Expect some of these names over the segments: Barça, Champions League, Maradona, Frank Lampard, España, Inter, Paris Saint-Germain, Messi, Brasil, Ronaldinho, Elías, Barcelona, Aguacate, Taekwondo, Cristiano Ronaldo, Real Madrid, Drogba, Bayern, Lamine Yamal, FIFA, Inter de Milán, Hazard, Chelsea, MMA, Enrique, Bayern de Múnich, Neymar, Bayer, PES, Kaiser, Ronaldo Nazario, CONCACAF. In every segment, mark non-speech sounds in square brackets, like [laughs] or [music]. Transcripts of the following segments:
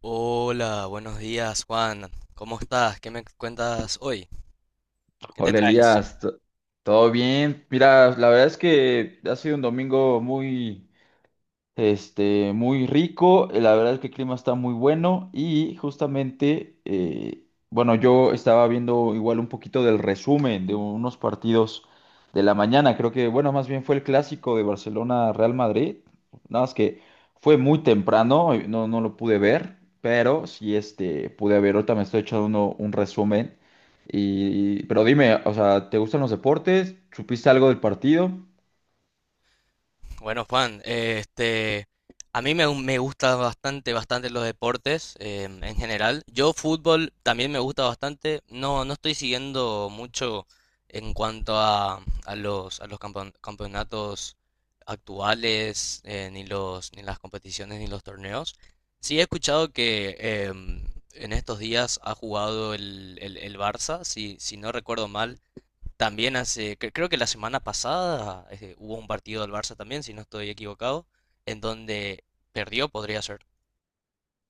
Hola, buenos días, Juan. ¿Cómo estás? ¿Qué me cuentas hoy? ¿Qué te Hola traes? Elías, ¿todo bien? Mira, la verdad es que ha sido un domingo muy, muy rico, la verdad es que el clima está muy bueno y justamente, bueno, yo estaba viendo igual un poquito del resumen de unos partidos de la mañana, creo que, bueno, más bien fue el clásico de Barcelona-Real Madrid, nada más que fue muy temprano, no, no lo pude ver, pero sí, pude ver, ahorita me estoy echando un resumen, y, pero dime, o sea, ¿te gustan los deportes? ¿Supiste algo del partido? Bueno, Juan, a mí me gusta bastante los deportes en general. Yo fútbol también me gusta bastante. No estoy siguiendo mucho en cuanto a a los campeonatos actuales, ni ni las competiciones, ni los torneos. Sí he escuchado que em, en estos días ha jugado el Barça, si no recuerdo mal, también creo que la semana pasada hubo un partido del Barça también, si no estoy equivocado, en donde perdió, podría ser.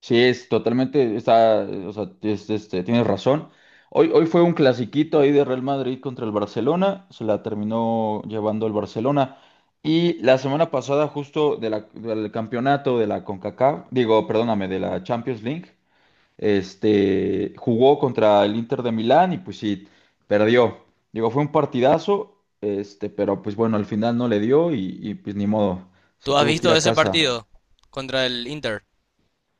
Sí, es totalmente, está, o sea, tienes razón. Hoy fue un clasiquito ahí de Real Madrid contra el Barcelona, se la terminó llevando el Barcelona. Y la semana pasada, justo de del campeonato de la CONCACAF, digo, perdóname, de la Champions League, jugó contra el Inter de Milán y pues sí, perdió. Digo, fue un partidazo, pero pues bueno, al final no le dio y pues ni modo, se ¿Tú has tuvo que ir visto a ese casa. partido contra el Inter?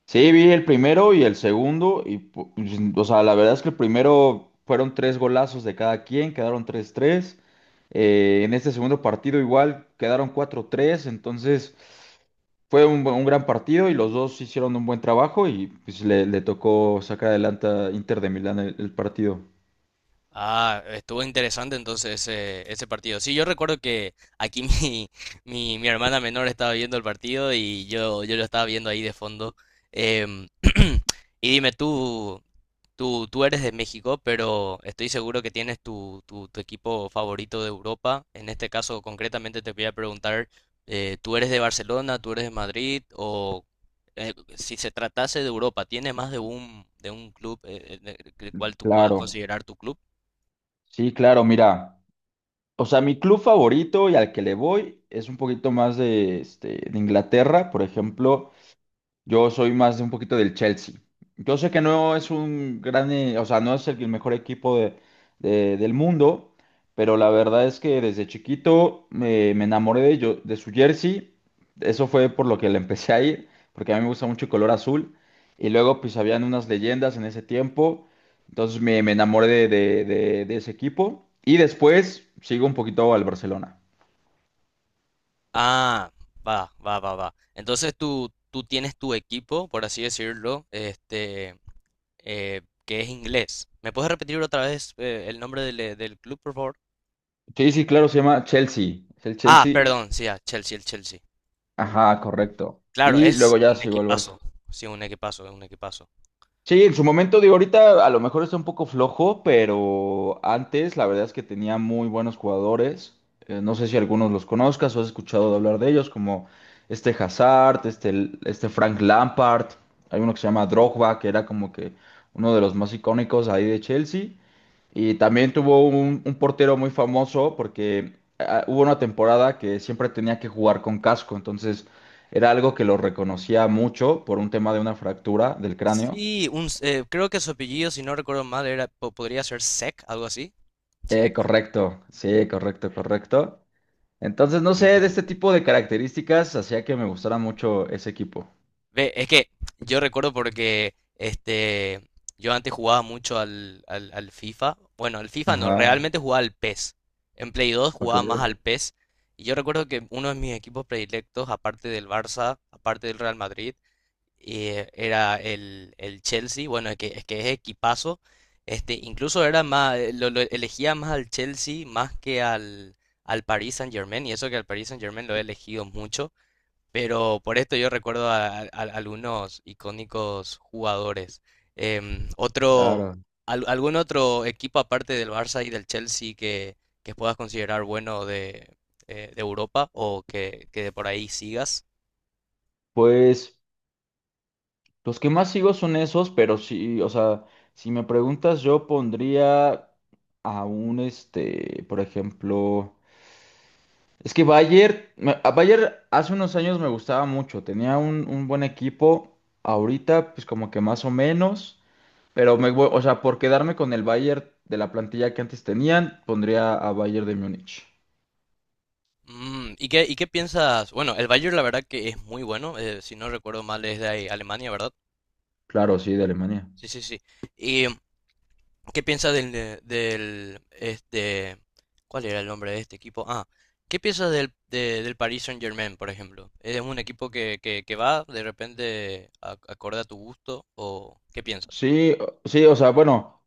Sí, vi el primero y el segundo, y pues, o sea, la verdad es que el primero fueron tres golazos de cada quien, quedaron tres tres. En este segundo partido igual quedaron cuatro tres, entonces fue un, un gran partido y los dos hicieron un buen trabajo y pues, le tocó sacar adelante a Inter de Milán el partido. Ah, estuvo interesante entonces ese partido. Sí, yo recuerdo que aquí [laughs] mi hermana menor estaba viendo el partido y yo lo estaba viendo ahí de fondo. Em, [clears throat] y dime tú. Tú eres de México, pero estoy seguro que tienes tu equipo favorito de Europa. En este caso, concretamente, te voy a preguntar, ¿tú eres de Barcelona, tú eres de Madrid? O si se tratase de Europa, ¿tienes más de de un club el cual tú puedas Claro, considerar tu club? sí, claro, mira, o sea, mi club favorito y al que le voy es un poquito más de, de Inglaterra, por ejemplo. Yo soy más de un poquito del Chelsea. Yo sé que no es un gran, o sea, no es el mejor equipo del mundo, pero la verdad es que desde chiquito me enamoré de, yo, de su jersey. Eso fue por lo que le empecé a ir, porque a mí me gusta mucho el color azul. Y luego pues habían unas leyendas en ese tiempo. Entonces me enamoré de ese equipo. Y después sigo un poquito al Barcelona. Ah, va. Entonces tú tienes tu equipo, por así decirlo, que es inglés. ¿Me puedes repetir otra vez el nombre del club, por favor? Sí, sí, claro, se llama Chelsea. Es el Ah, Chelsea. perdón, sí, ah, Chelsea, el Chelsea. Ajá, correcto. Claro, Y es luego ya un llegó el Barça. equipazo. Sí, un equipazo, es un equipazo. Sí, en su momento, digo, ahorita a lo mejor está un poco flojo, pero antes la verdad es que tenía muy buenos jugadores. No sé si algunos los conozcas o has escuchado de hablar de ellos, como este Hazard, este Frank Lampard. Hay uno que se llama Drogba, que era como que uno de los más icónicos ahí de Chelsea. Y también tuvo un, portero muy famoso porque hubo una temporada que siempre tenía que jugar con casco, entonces era algo que lo reconocía mucho por un tema de una fractura del cráneo. Sí, creo que su apellido, si no recuerdo mal, podría ser Sek, algo así. Eh, Check. correcto, sí, correcto, correcto. Entonces, no sé, de Y este tipo de características hacía que me gustara mucho ese equipo. ve, es que yo recuerdo porque yo antes jugaba mucho al FIFA. Bueno, al FIFA no, Ajá, realmente jugaba al PES. En Play 2 jugaba más ok, al PES. Y yo recuerdo que uno de mis equipos predilectos, aparte del Barça, aparte del Real Madrid, era el Chelsea, bueno, es que es equipazo. Este, incluso era más, lo elegía más al Chelsea más que al, al Paris Saint-Germain, y eso que al Paris Saint-Germain lo he elegido mucho, pero por esto yo recuerdo a algunos icónicos jugadores. Em, otro, claro. ¿Algún otro equipo aparte del Barça y del Chelsea que puedas considerar bueno de Europa o que de por ahí sigas? Pues los que más sigo son esos, pero sí, o sea, si me preguntas, yo pondría a un, por ejemplo, es que Bayer, a Bayer hace unos años me gustaba mucho, tenía un, buen equipo, ahorita pues como que más o menos. Pero me voy, o sea, por quedarme con el Bayern de la plantilla que antes tenían, pondría a Bayern de Múnich. Mm, ¿y qué piensas? Bueno, el Bayern la verdad que es muy bueno, si no recuerdo mal es de ahí, Alemania, ¿verdad? Claro, sí, de Alemania. Sí, sí, sí. ¿Y qué piensas del, cuál era el nombre de este equipo? Ah, ¿qué piensas del Paris Saint-Germain, por ejemplo? ¿Es un equipo que va de repente acorde a tu gusto o qué piensas? Sí, sí, o sea, bueno,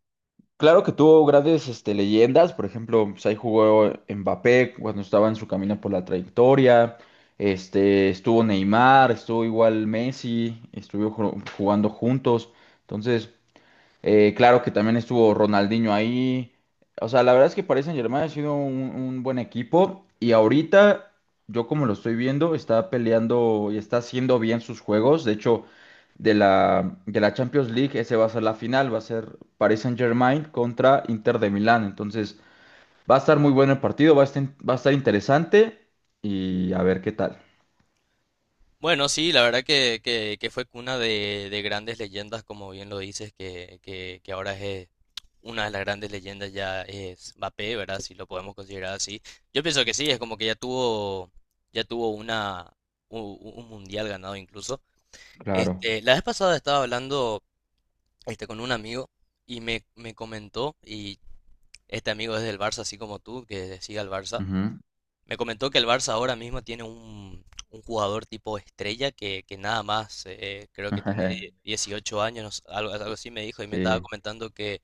claro que tuvo grandes leyendas, por ejemplo, pues ahí jugó Mbappé cuando estaba en su camino por la trayectoria, estuvo Neymar, estuvo igual Messi, estuvieron jugando juntos, entonces. Claro que también estuvo Ronaldinho ahí. O sea, la verdad es que Paris Saint-Germain ha sido un buen equipo y ahorita, yo como lo estoy viendo, está peleando y está haciendo bien sus juegos. De hecho, de la Champions League, ese va a ser la final, va a ser Paris Saint-Germain contra Inter de Milán. Entonces, va a estar muy bueno el partido, va a estar interesante, y a ver qué tal. Bueno, sí, la verdad que fue cuna de grandes leyendas, como bien lo dices, que ahora es una de las grandes leyendas ya es Mbappé, ¿verdad? Si lo podemos considerar así. Yo pienso que sí, es como que ya tuvo un mundial ganado incluso. Claro. Este, la vez pasada estaba hablando con un amigo y me comentó, y este amigo es del Barça, así como tú, que sigue al Barça, Ujú. me comentó que el Barça ahora mismo tiene un jugador tipo estrella que nada más, creo que tiene [laughs] 18 años, no sé, algo así me dijo, y me estaba Sí. comentando que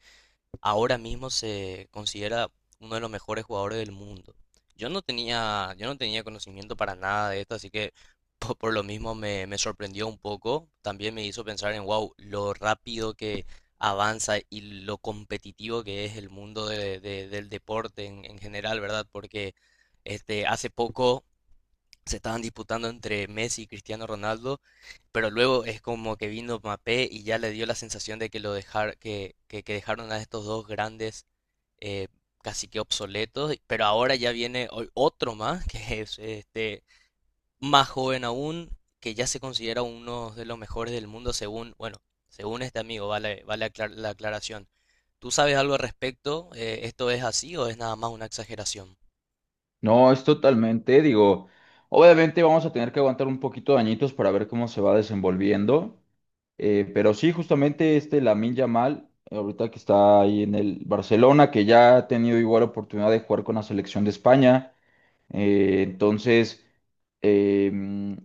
ahora mismo se considera uno de los mejores jugadores del mundo. Yo no tenía conocimiento para nada de esto, así que lo mismo me sorprendió un poco. También me hizo pensar en, wow, lo rápido que avanza y lo competitivo que es el mundo del deporte en general, ¿verdad? Porque hace poco se estaban disputando entre Messi y Cristiano Ronaldo, pero luego es como que vino Mbappé y ya le dio la sensación de que lo dejar, que dejaron a estos dos grandes eh, casi que obsoletos, pero ahora ya viene otro más, [laughs] que es este más joven aún, que ya se considera uno de los mejores del mundo según, bueno, según este amigo, vale, la aclaración. ¿Tú sabes algo al respecto? ¿Esto es así o es nada más una exageración? No, es totalmente, digo, obviamente vamos a tener que aguantar un poquito de añitos para ver cómo se va desenvolviendo, pero sí, justamente este Lamine Yamal, ahorita que está ahí en el Barcelona, que ya ha tenido igual oportunidad de jugar con la selección de España, entonces. em,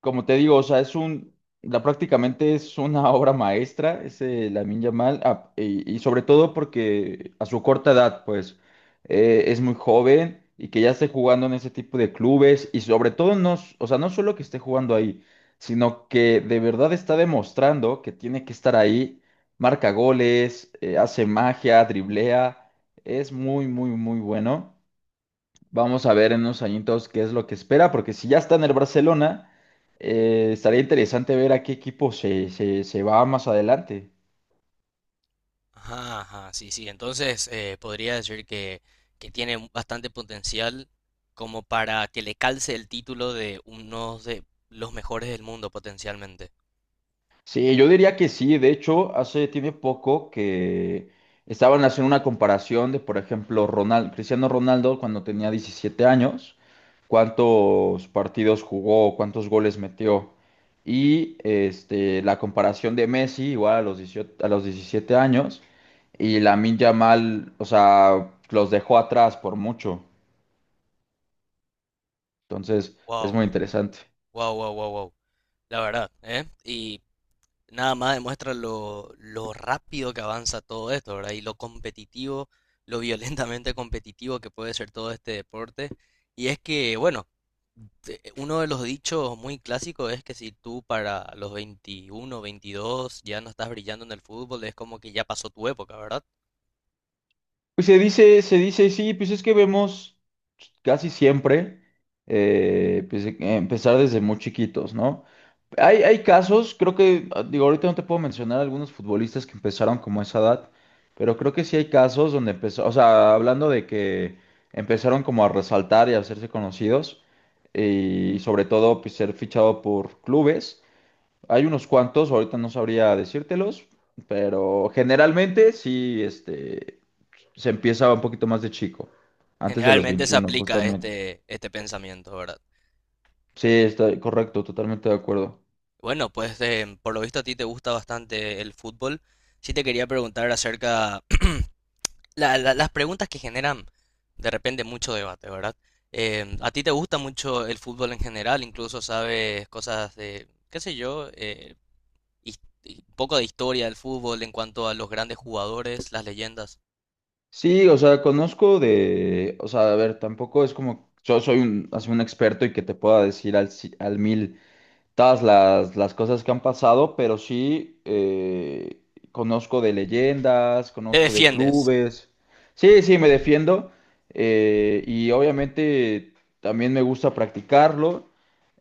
como te digo, o sea, es un, la, prácticamente es una [laughs] obra maestra, ese Lamine Yamal. Y sobre todo porque a su corta edad, pues, es muy joven y que ya esté jugando en ese tipo de clubes, y sobre todo, no, o sea, no solo que esté jugando ahí, sino que de verdad está demostrando que tiene que estar ahí, marca goles, hace magia, driblea, es muy, muy, muy bueno. Vamos a ver en unos añitos qué es lo que espera, porque si ya está en el Barcelona, estaría interesante ver a qué equipo se, se, se va más adelante. Ajá, ajá, sí, sí. Entonces, podría decir que tiene bastante potencial como para que le calce el título de uno de los mejores del mundo potencialmente. Sí, yo diría que sí. De hecho, hace tiene poco que estaban haciendo una comparación de, por ejemplo, Cristiano Ronaldo cuando tenía 17 años, cuántos partidos jugó, cuántos goles metió. Y este, la comparación de Messi, igual a los 18 a los 17 años, y Lamine Yamal, o sea, los dejó atrás por mucho. Entonces, es Wow, muy interesante. Wow. La verdad, ¿eh? Y nada más demuestra lo rápido que avanza todo esto, ¿verdad? Y lo competitivo, lo [laughs] violentamente competitivo que puede ser todo este deporte. Y es que, bueno, uno de los dichos muy clásicos es que si tú para los 21, 22 ya no estás brillando en el fútbol, es como que ya pasó tu época, ¿verdad? Pues se dice, sí, pues es que vemos casi siempre, pues, empezar desde muy chiquitos, ¿no? Hay casos, creo que, digo, ahorita no te puedo mencionar algunos futbolistas que empezaron como a esa edad, pero creo que sí hay casos donde empezó, o sea, hablando de que empezaron como a resaltar y a hacerse conocidos, y sobre todo, pues ser fichado por clubes. Hay unos cuantos, ahorita no sabría decírtelos, pero generalmente sí. Se empieza un poquito más de chico, antes de los Generalmente se 21 aplica justamente. Este pensamiento, ¿verdad? Sí, está correcto, totalmente de acuerdo. Bueno, pues por lo visto a ti te gusta bastante el fútbol. Sí te quería preguntar acerca [clears throat] las preguntas que generan de repente mucho debate, ¿verdad? Em, a ti te gusta mucho el fútbol en general, incluso sabes cosas de, qué sé yo, y un poco de historia del fútbol en cuanto a los grandes jugadores, las leyendas. Sí, o sea, conozco de, o sea, a ver, tampoco es como, yo soy un, así un experto y que te pueda decir al, al mil todas las cosas que han pasado, pero sí, conozco de leyendas, ¿Te conozco de defiendes? clubes. Sí, sí, me defiendo, y obviamente también me gusta practicarlo.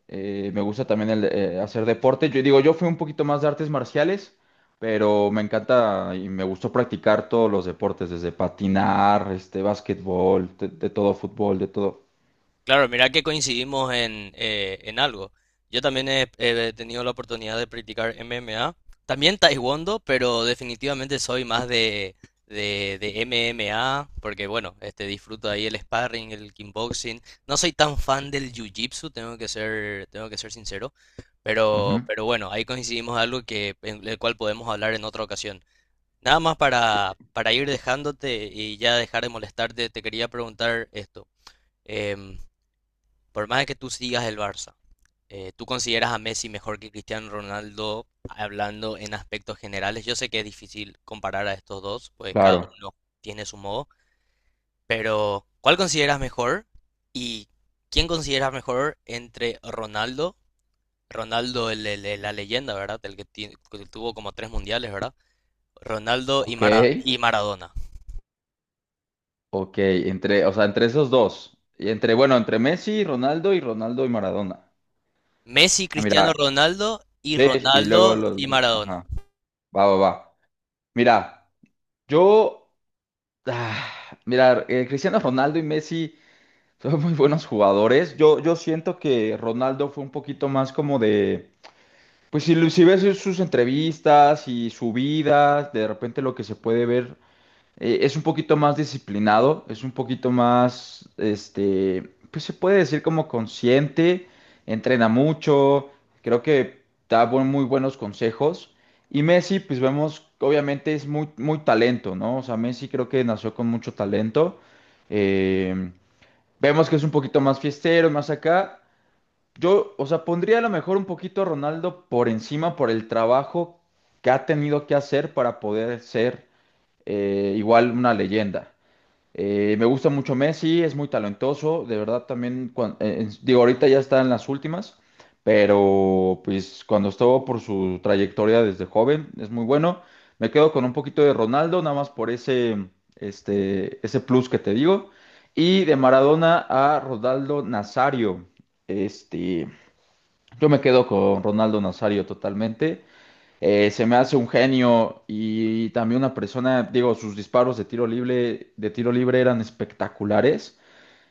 Me gusta también el, hacer deporte. Yo digo, yo fui un poquito más de artes marciales, pero me encanta y me gustó practicar todos los deportes, desde patinar, básquetbol, de todo, fútbol, de todo. Claro, mira que coincidimos en algo. Yo también he tenido la oportunidad de practicar MMA, también Taekwondo, pero definitivamente soy más de MMA, porque bueno, este, disfruto ahí el sparring, el kickboxing. No soy tan fan del jiu-jitsu, tengo que ser sincero, Ujú. pero bueno, ahí coincidimos en algo que, en el cual podemos hablar en otra ocasión. Nada más Sí. Para ir dejándote y ya dejar de molestarte, te quería preguntar esto. Em, por más de que tú sigas el Barça, ¿tú consideras a Messi mejor que Cristiano Ronaldo hablando en aspectos generales? Yo sé que es difícil comparar a estos dos, pues cada Claro. uno tiene su modo, pero ¿cuál consideras mejor? ¿Y quién consideras mejor entre Ronaldo, Ronaldo la leyenda, ¿verdad? El que tuvo como tres mundiales, ¿verdad? Ronaldo Ok, y Maradona. ok. Entre, o sea, entre esos dos. Y entre, bueno, entre Messi, Ronaldo y Ronaldo y Maradona. Messi, Ah, Cristiano Mira, Ronaldo y sí, y luego Ronaldo los. y Maradona. Ajá, va, va, va. Mira, yo. ah, Mira, Cristiano Ronaldo y Messi. Son muy buenos jugadores. Yo siento que Ronaldo fue un poquito más como de, pues si, si ves sus entrevistas y su vida, de repente lo que se puede ver es un poquito más disciplinado, es un poquito más, pues se puede decir como consciente, entrena mucho, creo que da muy buenos consejos. Y Messi, pues vemos, obviamente es muy, muy talento, ¿no? O sea, Messi creo que nació con mucho talento. eh, Vemos que es un poquito más fiestero, más acá. Yo, o sea, pondría a lo mejor un poquito a Ronaldo por encima por el trabajo que ha tenido que hacer para poder ser, igual una leyenda. Me gusta mucho Messi, es muy talentoso, de verdad también, digo, ahorita ya está en las últimas, pero pues cuando estuvo por su trayectoria desde joven, es muy bueno. Me quedo con un poquito de Ronaldo, nada más por ese, ese plus que te digo. Y de Maradona a Ronaldo Nazario, este, yo me quedo con Ronaldo Nazario totalmente. Se me hace un genio y también una persona, digo, sus disparos de tiro libre eran espectaculares.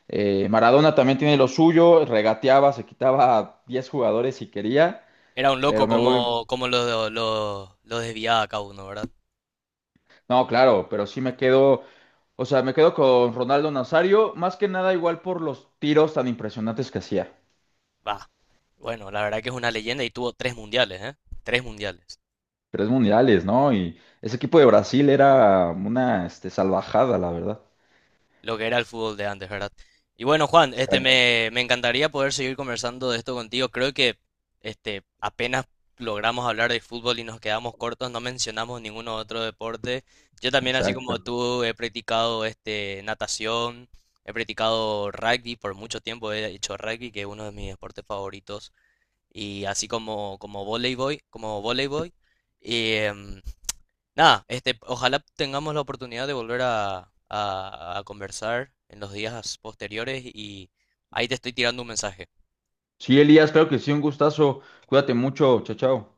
Maradona también tiene lo suyo, regateaba, se quitaba a 10 jugadores si quería, Era un loco pero me voy, como, lo desviaba cada uno, ¿verdad? no, claro, pero sí me quedo, o sea, me quedo con Ronaldo Nazario, más que nada igual por los tiros tan impresionantes que hacía. Va. Bueno, la verdad que es una leyenda y tuvo tres mundiales, ¿eh? Tres mundiales. Tres mundiales, ¿no? Y ese equipo de Brasil era una, salvajada, la verdad. Lo que era el fútbol de antes, ¿verdad? Y bueno, Juan, Exacto. Me encantaría poder seguir conversando de esto contigo. Creo que este apenas logramos hablar de fútbol y nos quedamos cortos, no mencionamos ningún otro deporte. Yo también, así como Exacto. tú, he practicado este natación, he practicado rugby por mucho tiempo, he hecho rugby, que es uno de mis deportes favoritos, y así como voleibol, como voleibol. Nada, este, ojalá tengamos la oportunidad de volver a conversar en los días posteriores y ahí te estoy tirando un mensaje. Sí, Elías, claro que sí, un gustazo. Cuídate mucho, chao, chao.